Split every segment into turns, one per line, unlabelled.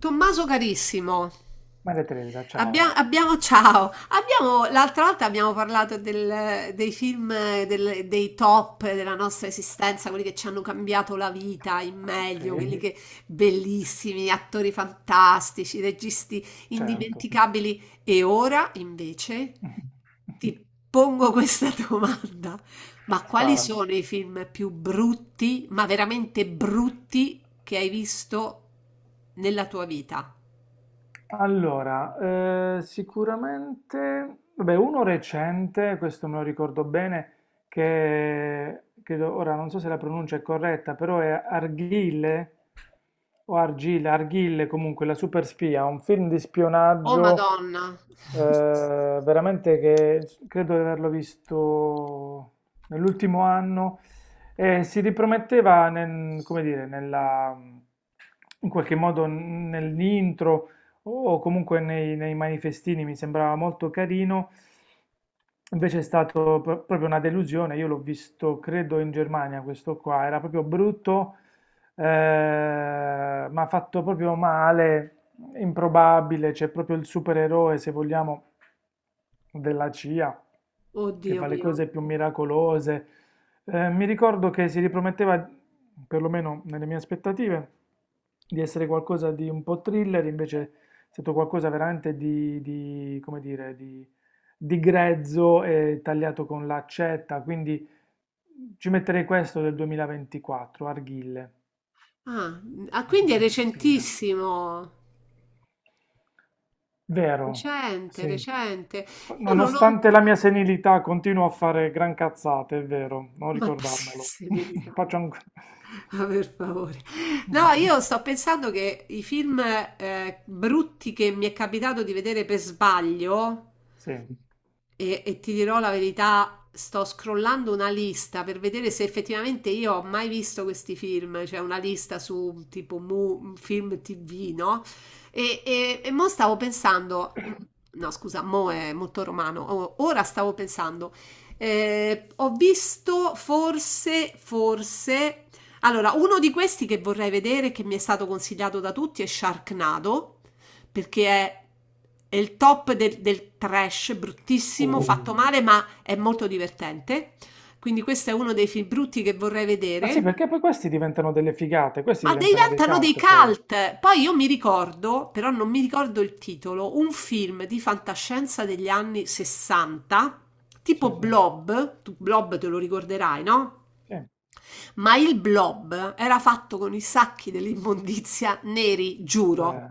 Tommaso carissimo,
Maria Teresa, ciao.
abbiamo, ciao, abbiamo, l'altra volta abbiamo parlato dei film, dei top della nostra esistenza, quelli che ci hanno cambiato la vita in meglio, quelli
Sì,
che bellissimi, attori fantastici, registi
certo.
indimenticabili. E ora invece ti pongo questa domanda. Ma quali
Spara.
sono i film più brutti, ma veramente brutti, che hai visto nella tua vita?
Allora, sicuramente, vabbè, uno recente, questo me lo ricordo bene, che credo, ora non so se la pronuncia è corretta, però è Arghile o Argile, Arghille comunque, la super spia, un film di
Oh
spionaggio
Madonna,
veramente credo di averlo visto nell'ultimo anno e si riprometteva come dire, nella, in qualche modo nell'intro o comunque nei manifestini, mi sembrava molto carino. Invece è stato proprio una delusione, io l'ho visto credo in Germania questo qua, era proprio brutto ma fatto proprio male, improbabile, c'è proprio il supereroe, se vogliamo, della CIA, che
oddio
fa le
mio.
cose più miracolose. Mi ricordo che si riprometteva, perlomeno nelle mie aspettative, di essere qualcosa di un po' thriller, invece è stato qualcosa veramente come dire, di grezzo e tagliato con l'accetta, quindi ci metterei questo del 2024, Arghille.
Ah, ah,
La
quindi è
superspia.
recentissimo.
Vero,
Recente,
sì.
recente. Io non ho...
Nonostante la mia senilità, continuo a fare gran cazzate, è vero, non
Ma sì,
ricordarmelo.
serenità,
Faccio un...
vabbè. Ah, per favore. No, io sto pensando che i film brutti che mi è capitato di vedere per sbaglio,
Sì.
e ti dirò la verità, sto scrollando una lista per vedere se effettivamente io ho mai visto questi film. C'è una lista su tipo film TV, no? E mo stavo pensando, no scusa, mo è molto romano. Ora stavo pensando, ho visto forse, forse, allora uno di questi che vorrei vedere, che mi è stato consigliato da tutti, è Sharknado, perché è il top del trash, bruttissimo, fatto
Oh.
male, ma è molto divertente. Quindi questo è uno dei film brutti che vorrei
Ma
vedere.
sì, perché poi questi diventano delle figate, questi
Ma
diventano dei
diventano dei
cult poi.
cult. Poi io mi ricordo, però non mi ricordo il titolo, un film di fantascienza degli anni 60,
Sì.
tipo Blob. Tu Blob te lo ricorderai, no?
Sì,
Ma il blob era fatto con i sacchi dell'immondizia neri, giuro,
beh.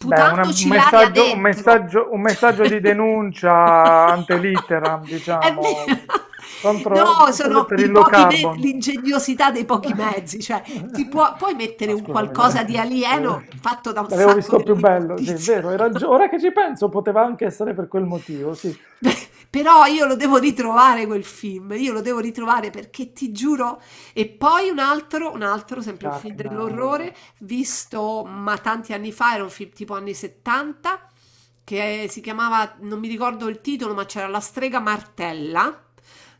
Beh, una- un
l'aria
messaggio, un
dentro.
messaggio, un messaggio di denuncia ante litteram,
È
diciamo,
vero.
contro,
No,
per,
sono
per
i
il low
pochi
carbon.
l'ingegnosità dei pochi mezzi, cioè puoi mettere
Ma
un
scusami,
qualcosa di
l'avevo
alieno fatto da un
l'avevo
sacco
visto più bello, sì, è
dell'immondizia.
vero. hai ragio- ora che ci penso, poteva anche essere per quel motivo, sì.
Però io lo devo ritrovare quel film, io lo devo ritrovare perché ti giuro. E poi un altro, sempre un film
Sharknado.
dell'orrore, visto ma tanti anni fa, era un film tipo anni 70, che si chiamava, non mi ricordo il titolo, ma c'era La strega martella,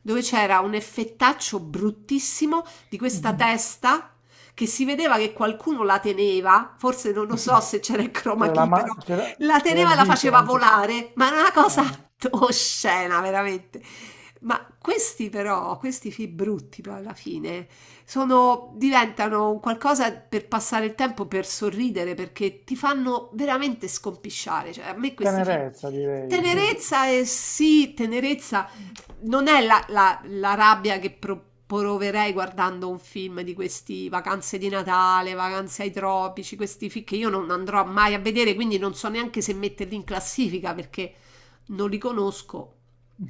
dove c'era un effettaccio bruttissimo di
Mm.
questa testa che si vedeva che qualcuno la teneva, forse non lo so se c'era il chroma
C'era la
key, però
ma- c'era,
la
c'era
teneva
il
e la
dito
faceva
anche.
volare, ma è una cosa
Ah,
oscena, veramente. Ma questi però, questi film brutti poi alla fine, sono, diventano un qualcosa per passare il tempo, per sorridere, perché ti fanno veramente scompisciare. Cioè, a me questi film...
tenerezza, direi, sì.
Tenerezza e sì, tenerezza non è la rabbia che proverei guardando un film di questi, vacanze di Natale, vacanze ai tropici, questi film che io non andrò mai a vedere, quindi non so neanche se metterli in classifica perché non li conosco.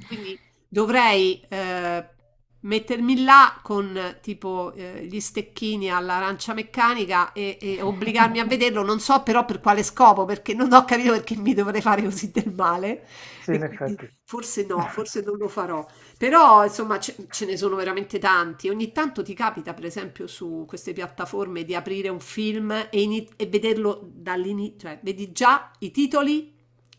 Quindi dovrei mettermi là con tipo gli stecchini all'arancia meccanica e obbligarmi a vederlo. Non so però per quale scopo, perché non ho capito perché mi dovrei fare così del male.
Sì,
E
in
quindi
effetti.
forse no, forse non lo farò, però insomma ce ne sono veramente tanti. Ogni tanto ti capita, per esempio, su queste piattaforme di aprire un film e vederlo dall'inizio, cioè vedi già i titoli,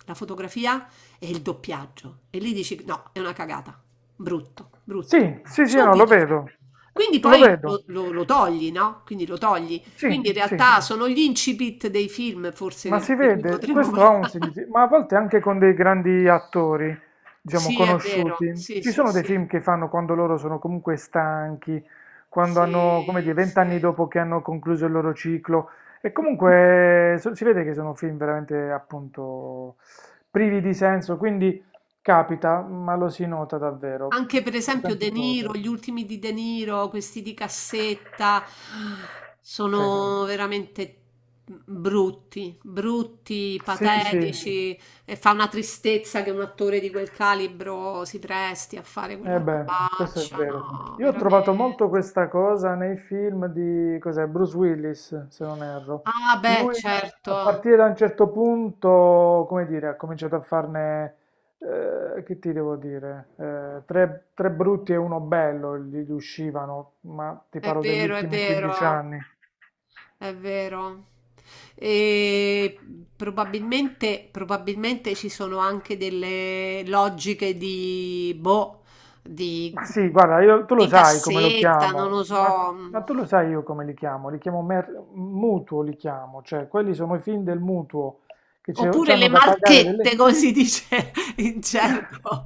la fotografia e il doppiaggio e lì dici no, è una cagata, brutto, brutto,
Sì, sì, sì, no, lo
subito.
vedo.
Quindi
Lo
poi
vedo.
lo togli, no? Quindi lo togli. Quindi
Sì,
in
sì.
realtà sono gli incipit dei film, forse,
Ma si
di cui
vede,
potremmo
questo ha
parlare.
un significato, ma a volte anche con dei grandi attori, diciamo,
Sì, è vero,
conosciuti.
sì,
Ci
sì,
sono dei
sì.
film che fanno quando loro sono comunque stanchi, quando hanno, come dire,
Sì, sì.
vent'anni dopo che hanno concluso il loro ciclo. E comunque si vede che sono film veramente, appunto, privi di senso, quindi capita, ma lo si nota davvero,
Anche per
da
esempio
tante
De Niro,
cose.
gli ultimi di De Niro, questi di cassetta,
Sì,
sono veramente brutti, brutti,
sì, sì,
patetici, e fa una tristezza che un attore di quel calibro si presti a fare
eh
quella
beh, questo è
robaccia,
vero.
no,
Io ho trovato
veramente.
molto questa cosa nei film di, cos'è, Bruce Willis, se non erro.
Ah, beh,
Lui a
certo,
partire da un certo punto, come dire, ha cominciato a farne, che ti devo dire, tre brutti e uno bello gli uscivano, ma ti
è
parlo degli
vero, è
ultimi 15
vero.
anni.
È vero. E probabilmente, probabilmente ci sono anche delle logiche di, boh, di,
Ma sì, guarda, tu lo
di
sai come lo
cassetta, non
chiamo,
lo
ma,
so,
ma
mh,
tu lo sai io come li chiamo? Li chiamo mutuo, li chiamo, cioè quelli sono i film del mutuo che ci
oppure
ci
le
hanno da pagare
marchette,
delle...
come si dice in gergo.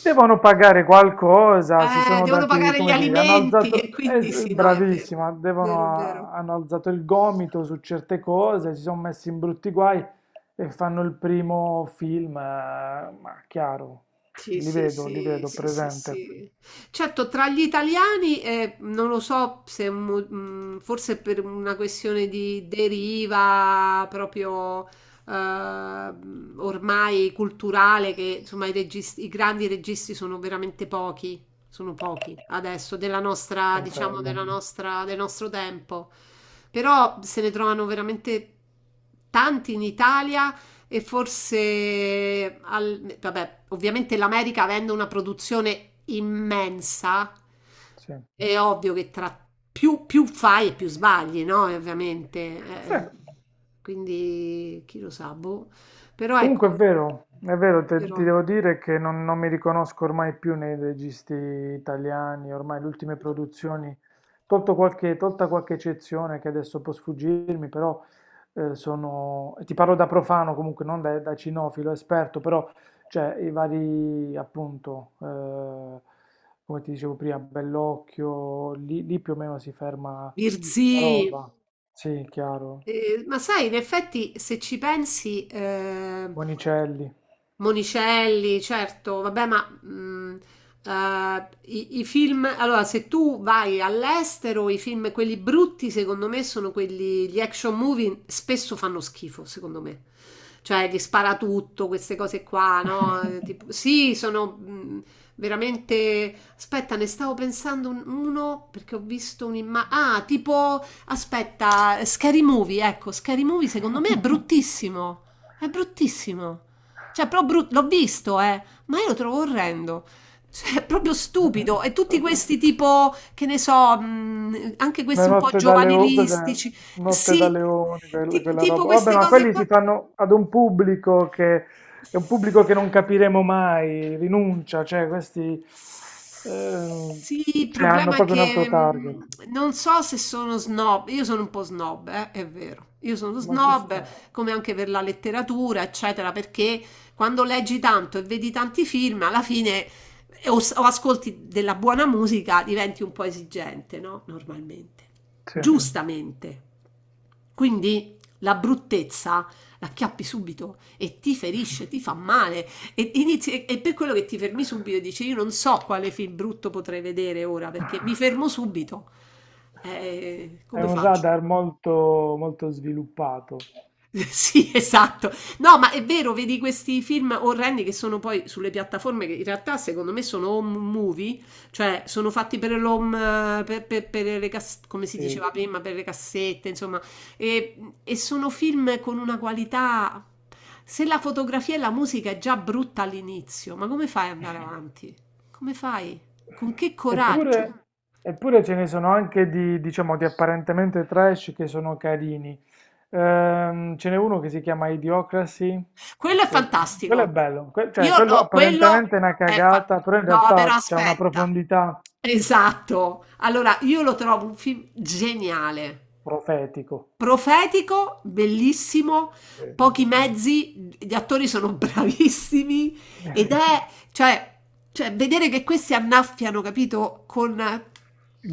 Devono pagare qualcosa, si sono
Devono
dati,
pagare gli
come dire, hanno
alimenti e
alzato,
quindi sì, no, è vero,
bravissima,
vero, vero.
devono, hanno alzato il gomito su certe cose, si sono messi in brutti guai e fanno il primo film, ma chiaro,
Sì, sì,
li
sì,
vedo,
sì, sì,
presente,
sì. Certo, tra gli italiani, non lo so se forse per una questione di deriva proprio ormai culturale, che insomma i grandi registi sono veramente pochi, sono pochi adesso, della nostra, diciamo,
confermo.
della nostra, del nostro tempo. Però se ne trovano veramente tanti in Italia e forse, vabbè, ovviamente l'America, avendo una produzione immensa,
Sì.
è ovvio che tra più, più fai e più sbagli, no? E ovviamente,
Sì.
eh, quindi chi lo sa, boh. Però
Comunque
ecco,
è vero, ti
però,
devo dire che non mi riconosco ormai più nei registi italiani, ormai le ultime produzioni, tolto qualche, tolta qualche eccezione che adesso può sfuggirmi, però sono, e ti parlo da profano comunque, non da cinofilo esperto, però cioè, i vari appunto, come ti dicevo prima, Bellocchio, lì più o meno si ferma
Virzì,
la roba, sì, chiaro,
eh, ma sai, in effetti, se ci pensi,
Monicelli.
Monicelli, certo, vabbè, ma i film, allora se tu vai all'estero, i film, quelli brutti, secondo me, sono quelli, gli action movie spesso fanno schifo, secondo me. Cioè, gli spara tutto, queste cose qua, no? Sì, sono veramente... Aspetta, ne stavo pensando uno perché ho visto un'immagine... Ah, tipo... Aspetta, Scary Movie, ecco, Scary Movie secondo me è bruttissimo. È bruttissimo. Cioè, però l'ho visto, ma io lo trovo orrendo. Cioè, è proprio stupido. E tutti questi tipo, che ne so, anche
Una
questi un po'
notte da leone, cos'è?
giovanilistici.
Notte da
Sì,
leoni, quella
tipo
roba. Vabbè,
queste
ma
cose
quelli si
qua.
fanno ad un pubblico che è un pubblico che non capiremo mai, rinuncia, cioè questi ehm,
Sì, il
cioè, hanno
problema è
proprio un
che
altro target.
non so se sono snob, io sono un po' snob, è vero, io sono, mm,
Ma ci
snob,
sta.
come anche per la letteratura, eccetera, perché quando leggi tanto e vedi tanti film, alla fine o, o ascolti della buona musica, diventi un po' esigente, no? Normalmente, sì,
Sì.
giustamente. Quindi la bruttezza la acchiappi subito e ti ferisce, ti fa male. E per quello che ti fermi subito e dici io non so quale film brutto potrei vedere ora perché mi fermo subito.
È
Come
un
faccio?
radar molto, molto sviluppato.
Sì, esatto. No, ma è vero, vedi questi film orrendi che sono poi sulle piattaforme che in realtà secondo me sono home movie, cioè sono fatti per l'home, per, per le come si
Sì.
diceva prima, per le cassette, insomma, e sono film con una qualità... Se la fotografia e la musica è già brutta all'inizio, ma come fai ad andare avanti? Come fai? Con che coraggio?
Eppure, eppure ce ne sono anche di, diciamo, di apparentemente trash che sono carini. Ce n'è uno che si chiama Idiocracy,
Quello è
che quello è
fantastico.
bello, cioè
Io
quello
no, quello
apparentemente è una
è
cagata, però in
no, però
realtà c'è una
aspetta.
profondità
Esatto. Allora, io lo trovo un film geniale,
profetico.
profetico, bellissimo,
Sì, sì.
pochi mezzi, gli attori sono bravissimi ed, mm, è, cioè, cioè, vedere che questi annaffiano, capito,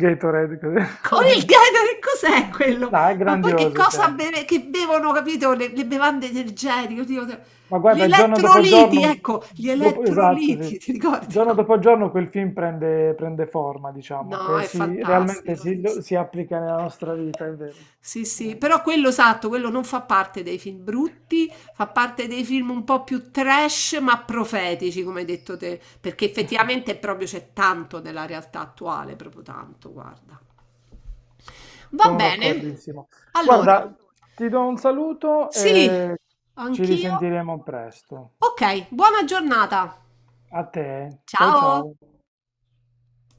Gatorade, così.
con il Gatorade cos'è quello?
No, è
Ma poi che
grandioso,
cosa
cioè.
beve che bevono, capito, le bevande energetiche, oddio d
Ma
gli
guarda, giorno dopo
elettroliti,
giorno,
ecco, gli
esatto, sì.
elettroliti, ti ricordi,
Giorno
no?
dopo giorno quel film prende, prende forma, diciamo,
No,
che
è
si, realmente
fantastico,
si,
sì, sì.
si applica nella nostra vita, è vero.
Sì, sì, però quello esatto, quello non fa parte dei film brutti, fa parte dei film un po' più trash, ma profetici, come hai detto te, perché effettivamente proprio c'è tanto della realtà attuale, proprio tanto, guarda. Va
Sono
bene.
d'accordissimo.
Allora,
Guarda, ti do un saluto
sì,
e ci
anch'io.
risentiremo presto.
Ok, buona giornata.
A te, ciao
Ciao.
ciao.